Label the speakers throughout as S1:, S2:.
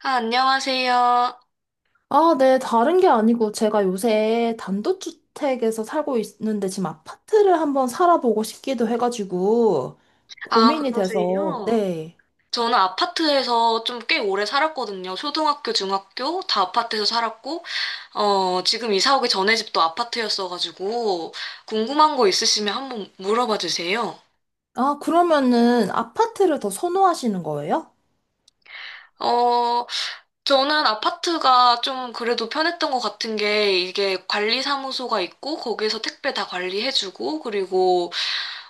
S1: 아, 안녕하세요.
S2: 아, 네, 다른 게 아니고 제가 요새 단독주택에서 살고 있는데 지금 아파트를 한번 살아보고 싶기도 해가지고
S1: 아,
S2: 고민이 돼서,
S1: 그러세요?
S2: 네.
S1: 저는 아파트에서 좀 꽤 오래 살았거든요. 초등학교, 중학교 다 아파트에서 살았고, 지금 이사 오기 전에 집도 아파트였어가지고, 궁금한 거 있으시면 한번 물어봐 주세요.
S2: 아, 그러면은 아파트를 더 선호하시는 거예요?
S1: 어, 저는 아파트가 좀 그래도 편했던 것 같은 게, 이게 관리사무소가 있고, 거기에서 택배 다 관리해주고, 그리고,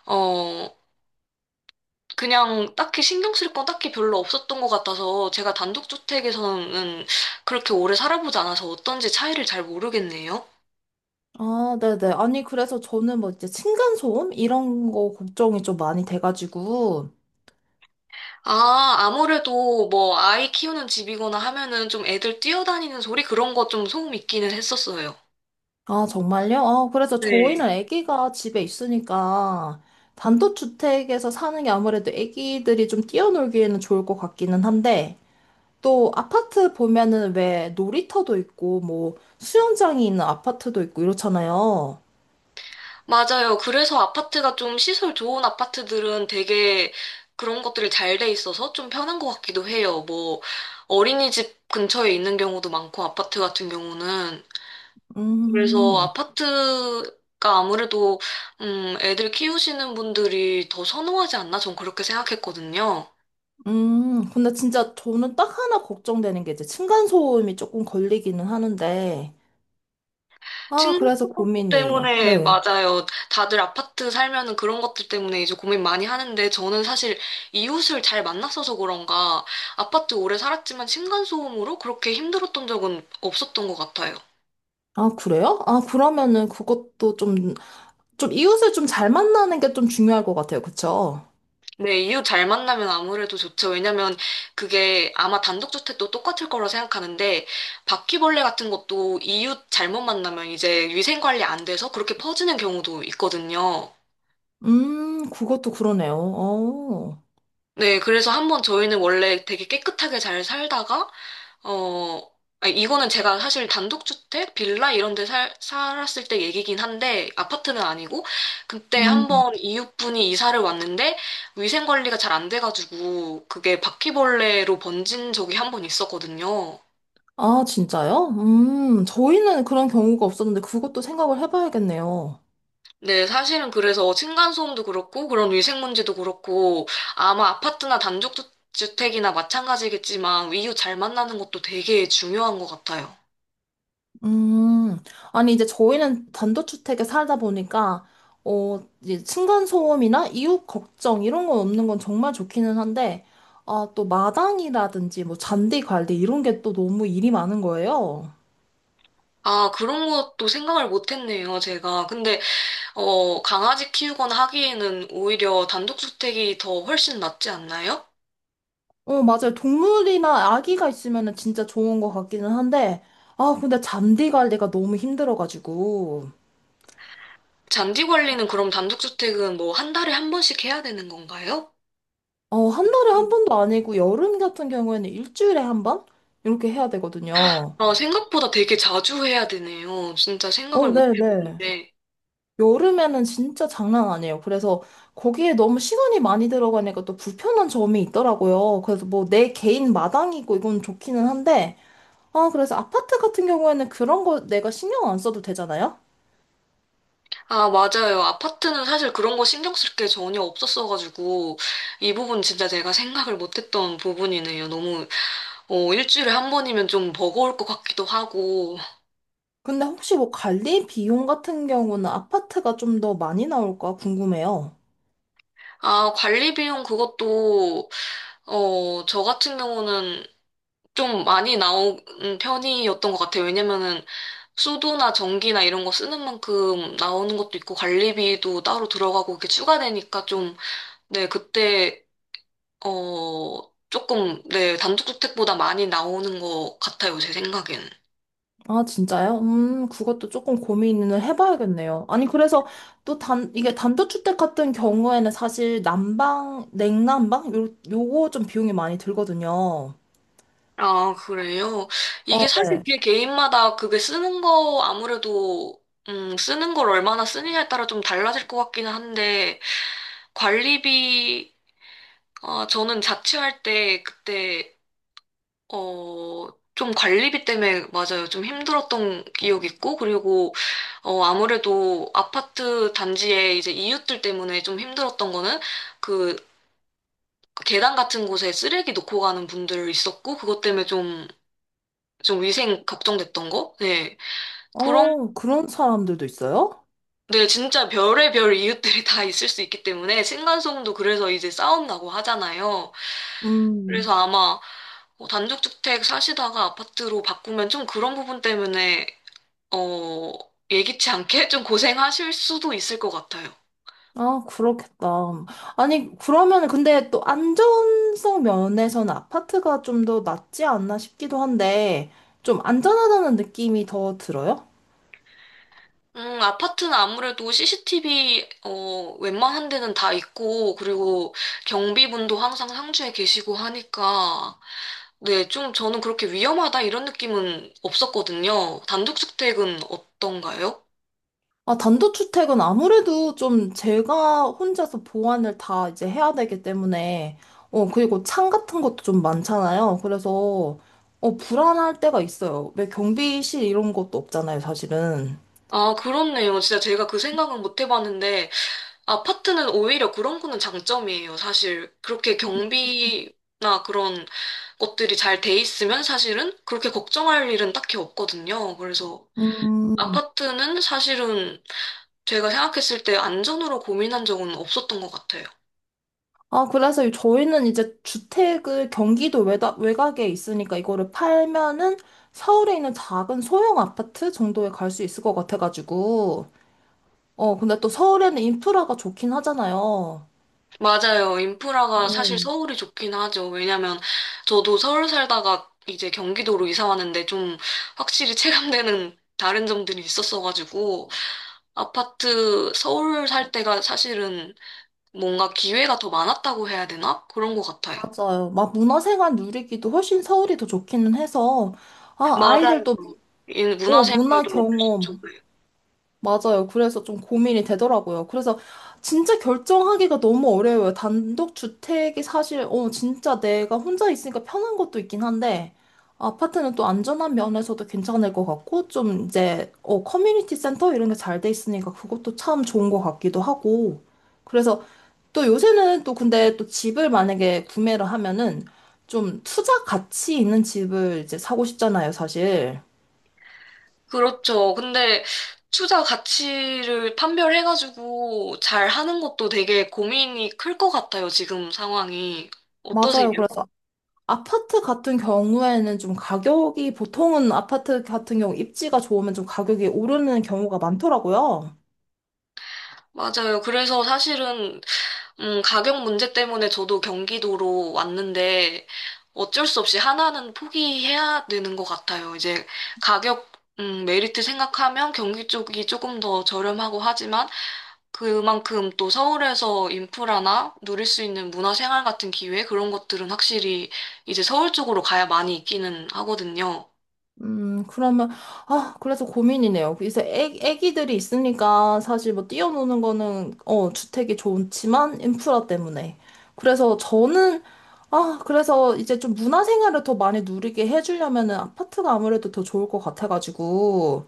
S1: 어, 그냥 딱히 신경 쓸 건 딱히 별로 없었던 것 같아서 제가 단독주택에서는 그렇게 오래 살아보지 않아서 어떤지 차이를 잘 모르겠네요.
S2: 아, 네네. 아니, 그래서 저는 뭐 이제 층간소음? 이런 거 걱정이 좀 많이 돼가지고.
S1: 아, 아무래도 뭐 아이 키우는 집이거나 하면은 좀 애들 뛰어다니는 소리 그런 거 좀 소음 있기는 했었어요.
S2: 아, 정말요? 아, 그래서
S1: 네.
S2: 저희는 아기가 집에 있으니까 단독주택에서 사는 게 아무래도 아기들이 좀 뛰어놀기에는 좋을 것 같기는 한데, 또 아파트 보면은 왜 놀이터도 있고 뭐 수영장이 있는 아파트도 있고 이렇잖아요.
S1: 맞아요. 그래서 아파트가 좀 시설 좋은 아파트들은 되게 그런 것들이 잘 돼 있어서 좀 편한 것 같기도 해요. 뭐 어린이집 근처에 있는 경우도 많고 아파트 같은 경우는. 그래서
S2: 음,
S1: 아파트가 아무래도 애들 키우시는 분들이 더 선호하지 않나? 전 그렇게 생각했거든요.
S2: 근데 진짜 저는 딱 하나 걱정되는 게 이제 층간소음이 조금 걸리기는 하는데 아
S1: 친구
S2: 그래서 고민이에요.
S1: 때문에
S2: 네.
S1: 맞아요. 다들 아파트 살면은 그런 것들 때문에 이제 고민 많이 하는데 저는 사실 이웃을 잘 만났어서 그런가 아파트 오래 살았지만 층간소음으로 그렇게 힘들었던 적은 없었던 것 같아요.
S2: 아 그래요? 아 그러면은 그것도 좀 이웃을 좀 잘 만나는 게 좀 중요할 것 같아요. 그쵸?
S1: 네, 이웃 잘 만나면 아무래도 좋죠. 왜냐면 그게 아마 단독주택도 똑같을 거라 생각하는데 바퀴벌레 같은 것도 이웃 잘못 만나면 이제 위생관리 안 돼서 그렇게 퍼지는 경우도 있거든요.
S2: 그것도 그러네요. 어.
S1: 네, 그래서 한번 저희는 원래 되게 깨끗하게 잘 살다가 어, 아니, 이거는 제가 사실 단독주택, 빌라 이런 데 살았을 때 얘기긴 한데, 아파트는 아니고, 그때
S2: 음. 음.
S1: 한번 이웃분이 이사를 왔는데, 위생관리가 잘 안 돼가지고, 그게 바퀴벌레로 번진 적이 한번 있었거든요.
S2: 아, 진짜요? 저희는 그런 경우가 없었는데 그것도 생각을 해봐야겠네요.
S1: 네, 사실은 그래서 층간소음도 그렇고, 그런 위생 문제도 그렇고, 아마 아파트나 단독주택이나 마찬가지겠지만, 이웃 잘 만나는 것도 되게 중요한 것 같아요.
S2: 음, 아니, 이제 저희는 단독주택에 살다 보니까, 어, 이제 층간소음이나 이웃 걱정 이런 건 없는 건 정말 좋기는 한데, 아, 또 마당이라든지 뭐 잔디 관리 이런 게 또 너무 일이 많은 거예요.
S1: 아, 그런 것도 생각을 못 했네요, 제가. 근데 강아지 키우거나 하기에는 오히려 단독주택이 더 훨씬 낫지 않나요?
S2: 어, 맞아요. 동물이나 아기가 있으면 은 진짜 좋은 것 같기는 한데, 아, 근데 잔디 관리가 너무 힘들어가지고.
S1: 잔디 관리는 그럼 단독주택은 뭐 한 달에 한 번씩 해야 되는 건가요?
S2: 어, 한 달에 한 번도 아니고 여름 같은 경우에는 일주일에 한 번? 이렇게 해야 되거든요.
S1: 아, 생각보다 되게 자주 해야 되네요. 진짜 생각을
S2: 어,
S1: 못
S2: 네네.
S1: 해봤는데.
S2: 여름에는 진짜 장난 아니에요. 그래서 거기에 너무 시간이 많이 들어가니까 또 불편한 점이 있더라고요. 그래서 뭐 내 개인 마당이고 이건 좋기는 한데, 아, 그래서 아파트 같은 경우에는 그런 거 내가 신경 안 써도 되잖아요?
S1: 아, 맞아요. 아파트는 사실 그런 거 신경 쓸 게 전혀 없었어가지고, 이 부분 진짜 제가 생각을 못 했던 부분이네요. 너무, 일주일에 한 번이면 좀 버거울 것 같기도 하고.
S2: 근데 혹시 뭐 관리 비용 같은 경우는 아파트가 좀 더 많이 나올까 궁금해요.
S1: 아, 관리 비용 그것도 저 같은 경우는 좀 많이 나온 편이었던 것 같아요. 왜냐면은 수도나 전기나 이런 거 쓰는 만큼 나오는 것도 있고 관리비도 따로 들어가고 이렇게 추가되니까 좀, 네, 그때, 어, 조금, 네, 단독주택보다 많이 나오는 것 같아요. 제 생각에는.
S2: 아, 진짜요? 그것도 조금 고민을 해봐야겠네요. 아니, 그래서 또 이게 단독주택 같은 경우에는 사실 난방, 냉난방? 요거 좀 비용이 많이 들거든요.
S1: 아, 그래요?
S2: 어,
S1: 이게 사실
S2: 네.
S1: 그게 개인마다 그게 쓰는 거 아무래도 쓰는 걸 얼마나 쓰느냐에 따라 좀 달라질 것 같기는 한데, 관리비 아, 저는 자취할 때 그때 어, 좀 관리비 때문에 맞아요. 좀 힘들었던 기억이 있고 그리고 아무래도 아파트 단지에 이제 이웃들 때문에 좀 힘들었던 거는 그 계단 같은 곳에 쓰레기 놓고 가는 분들 있었고 그것 때문에 좀 좀 위생 걱정됐던 거? 네. 그런
S2: 어, 그런 사람들도 있어요?
S1: 네, 진짜 별의별 이웃들이 다 있을 수 있기 때문에 층간소음도 그래서 이제 싸움 나고 하잖아요.
S2: 음,
S1: 그래서 아마 단독주택 사시다가 아파트로 바꾸면 좀 그런 부분 때문에 어, 예기치 않게 좀 고생하실 수도 있을 것 같아요.
S2: 아, 그렇겠다. 아니, 그러면 근데 또 안전성 면에서는 아파트가 좀 더 낫지 않나 싶기도 한데, 좀 안전하다는 느낌이 더 들어요?
S1: 아파트는 아무래도 CCTV 웬만한 데는 다 있고 그리고 경비분도 항상 상주에 계시고 하니까 네, 좀 저는 그렇게 위험하다 이런 느낌은 없었거든요. 단독주택은 어떤가요?
S2: 아, 단독주택은 아무래도 좀 제가 혼자서 보완을 다 이제 해야 되기 때문에, 어, 그리고 창 같은 것도 좀 많잖아요. 그래서, 어, 불안할 때가 있어요. 왜 경비실 이런 것도 없잖아요, 사실은.
S1: 아, 그렇네요. 진짜 제가 그 생각은 못 해봤는데 아파트는 오히려 그런 거는 장점이에요. 사실 그렇게 경비나 그런 것들이 잘 돼 있으면 사실은 그렇게 걱정할 일은 딱히 없거든요. 그래서
S2: 음,
S1: 아파트는 사실은 제가 생각했을 때 안전으로 고민한 적은 없었던 것 같아요.
S2: 아, 그래서 저희는 이제 주택을 경기도 외곽에 있으니까 이거를 팔면은 서울에 있는 작은 소형 아파트 정도에 갈 수 있을 것 같아가지고, 어, 근데 또 서울에는 인프라가 좋긴 하잖아요.
S1: 맞아요. 인프라가
S2: 어,
S1: 사실 서울이 좋긴 하죠. 왜냐면 저도 서울 살다가 이제 경기도로 이사 왔는데 좀 확실히 체감되는 다른 점들이 있었어가지고 아파트 서울 살 때가 사실은 뭔가 기회가 더 많았다고 해야 되나? 그런 것 같아요.
S2: 맞아요. 막 문화생활 누리기도 훨씬 서울이 더 좋기는 해서, 아,
S1: 맞아요.
S2: 아이들도,
S1: 이
S2: 뭐, 어, 문화
S1: 문화생활도 훨씬
S2: 경험,
S1: 좋고요.
S2: 맞아요. 그래서 좀 고민이 되더라고요. 그래서 진짜 결정하기가 너무 어려워요. 단독 주택이 사실, 어, 진짜 내가 혼자 있으니까 편한 것도 있긴 한데, 아파트는 또 안전한 면에서도 괜찮을 것 같고, 좀 이제, 어, 커뮤니티 센터 이런 게 잘 돼 있으니까 그것도 참 좋은 것 같기도 하고. 그래서 또 요새는 또 근데 또 집을 만약에 구매를 하면은 좀 투자 가치 있는 집을 이제 사고 싶잖아요, 사실.
S1: 그렇죠. 근데 투자 가치를 판별해가지고 잘 하는 것도 되게 고민이 클 것 같아요. 지금 상황이. 어떠세요?
S2: 맞아요. 그래서 아파트 같은 경우에는 좀 가격이 보통은 아파트 같은 경우 입지가 좋으면 좀 가격이 오르는 경우가 많더라고요.
S1: 맞아요. 그래서 사실은 가격 문제 때문에 저도 경기도로 왔는데 어쩔 수 없이 하나는 포기해야 되는 것 같아요. 이제 가격, 메리트 생각하면 경기 쪽이 조금 더 저렴하고 하지만 그만큼 또 서울에서 인프라나 누릴 수 있는 문화생활 같은 기회 그런 것들은 확실히 이제 서울 쪽으로 가야 많이 있기는 하거든요.
S2: 그러면, 아, 그래서 고민이네요. 이제 애기들이 있으니까 사실 뭐 뛰어노는 거는, 어, 주택이 좋지만 인프라 때문에. 그래서 저는, 아, 그래서 이제 좀 문화생활을 더 많이 누리게 해주려면은 아파트가 아무래도 더 좋을 것 같아가지고.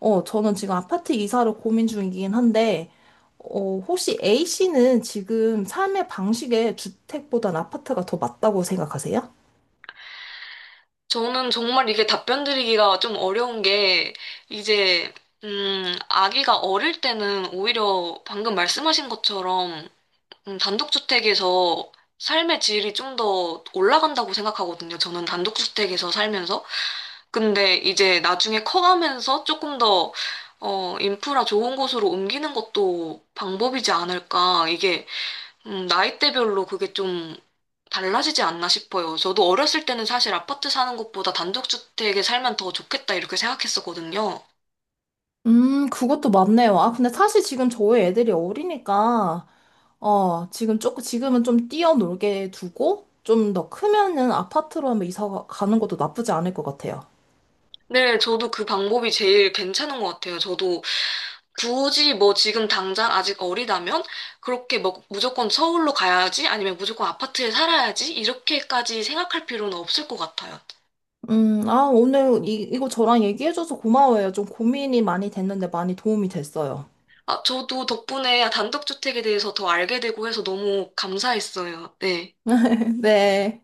S2: 어, 저는 지금 아파트 이사를 고민 중이긴 한데, 어, 혹시 A씨는 지금 삶의 방식에 주택보단 아파트가 더 맞다고 생각하세요?
S1: 저는 정말 이게 답변 드리기가 좀 어려운 게, 이제, 아기가 어릴 때는 오히려 방금 말씀하신 것처럼, 단독주택에서 삶의 질이 좀 더 올라간다고 생각하거든요. 저는 단독주택에서 살면서. 근데 이제 나중에 커가면서 조금 더, 인프라 좋은 곳으로 옮기는 것도 방법이지 않을까. 이게 나이대별로 그게 좀 달라지지 않나 싶어요. 저도 어렸을 때는 사실 아파트 사는 것보다 단독주택에 살면 더 좋겠다 이렇게 생각했었거든요.
S2: 그것도 맞네요. 아, 근데 사실 지금 저희 애들이 어리니까, 어, 지금 조금, 지금은 좀 뛰어놀게 두고, 좀 더 크면은 아파트로 한번 이사 가는 것도 나쁘지 않을 것 같아요.
S1: 네, 저도 그 방법이 제일 괜찮은 것 같아요. 저도 굳이 뭐 지금 당장 아직 어리다면 그렇게 뭐 무조건 서울로 가야지 아니면 무조건 아파트에 살아야지 이렇게까지 생각할 필요는 없을 것 같아요.
S2: 아, 오늘 이거 저랑 얘기해줘서 고마워요. 좀 고민이 많이 됐는데 많이 도움이 됐어요.
S1: 아, 저도 덕분에 단독주택에 대해서 더 알게 되고 해서 너무 감사했어요. 네.
S2: 네.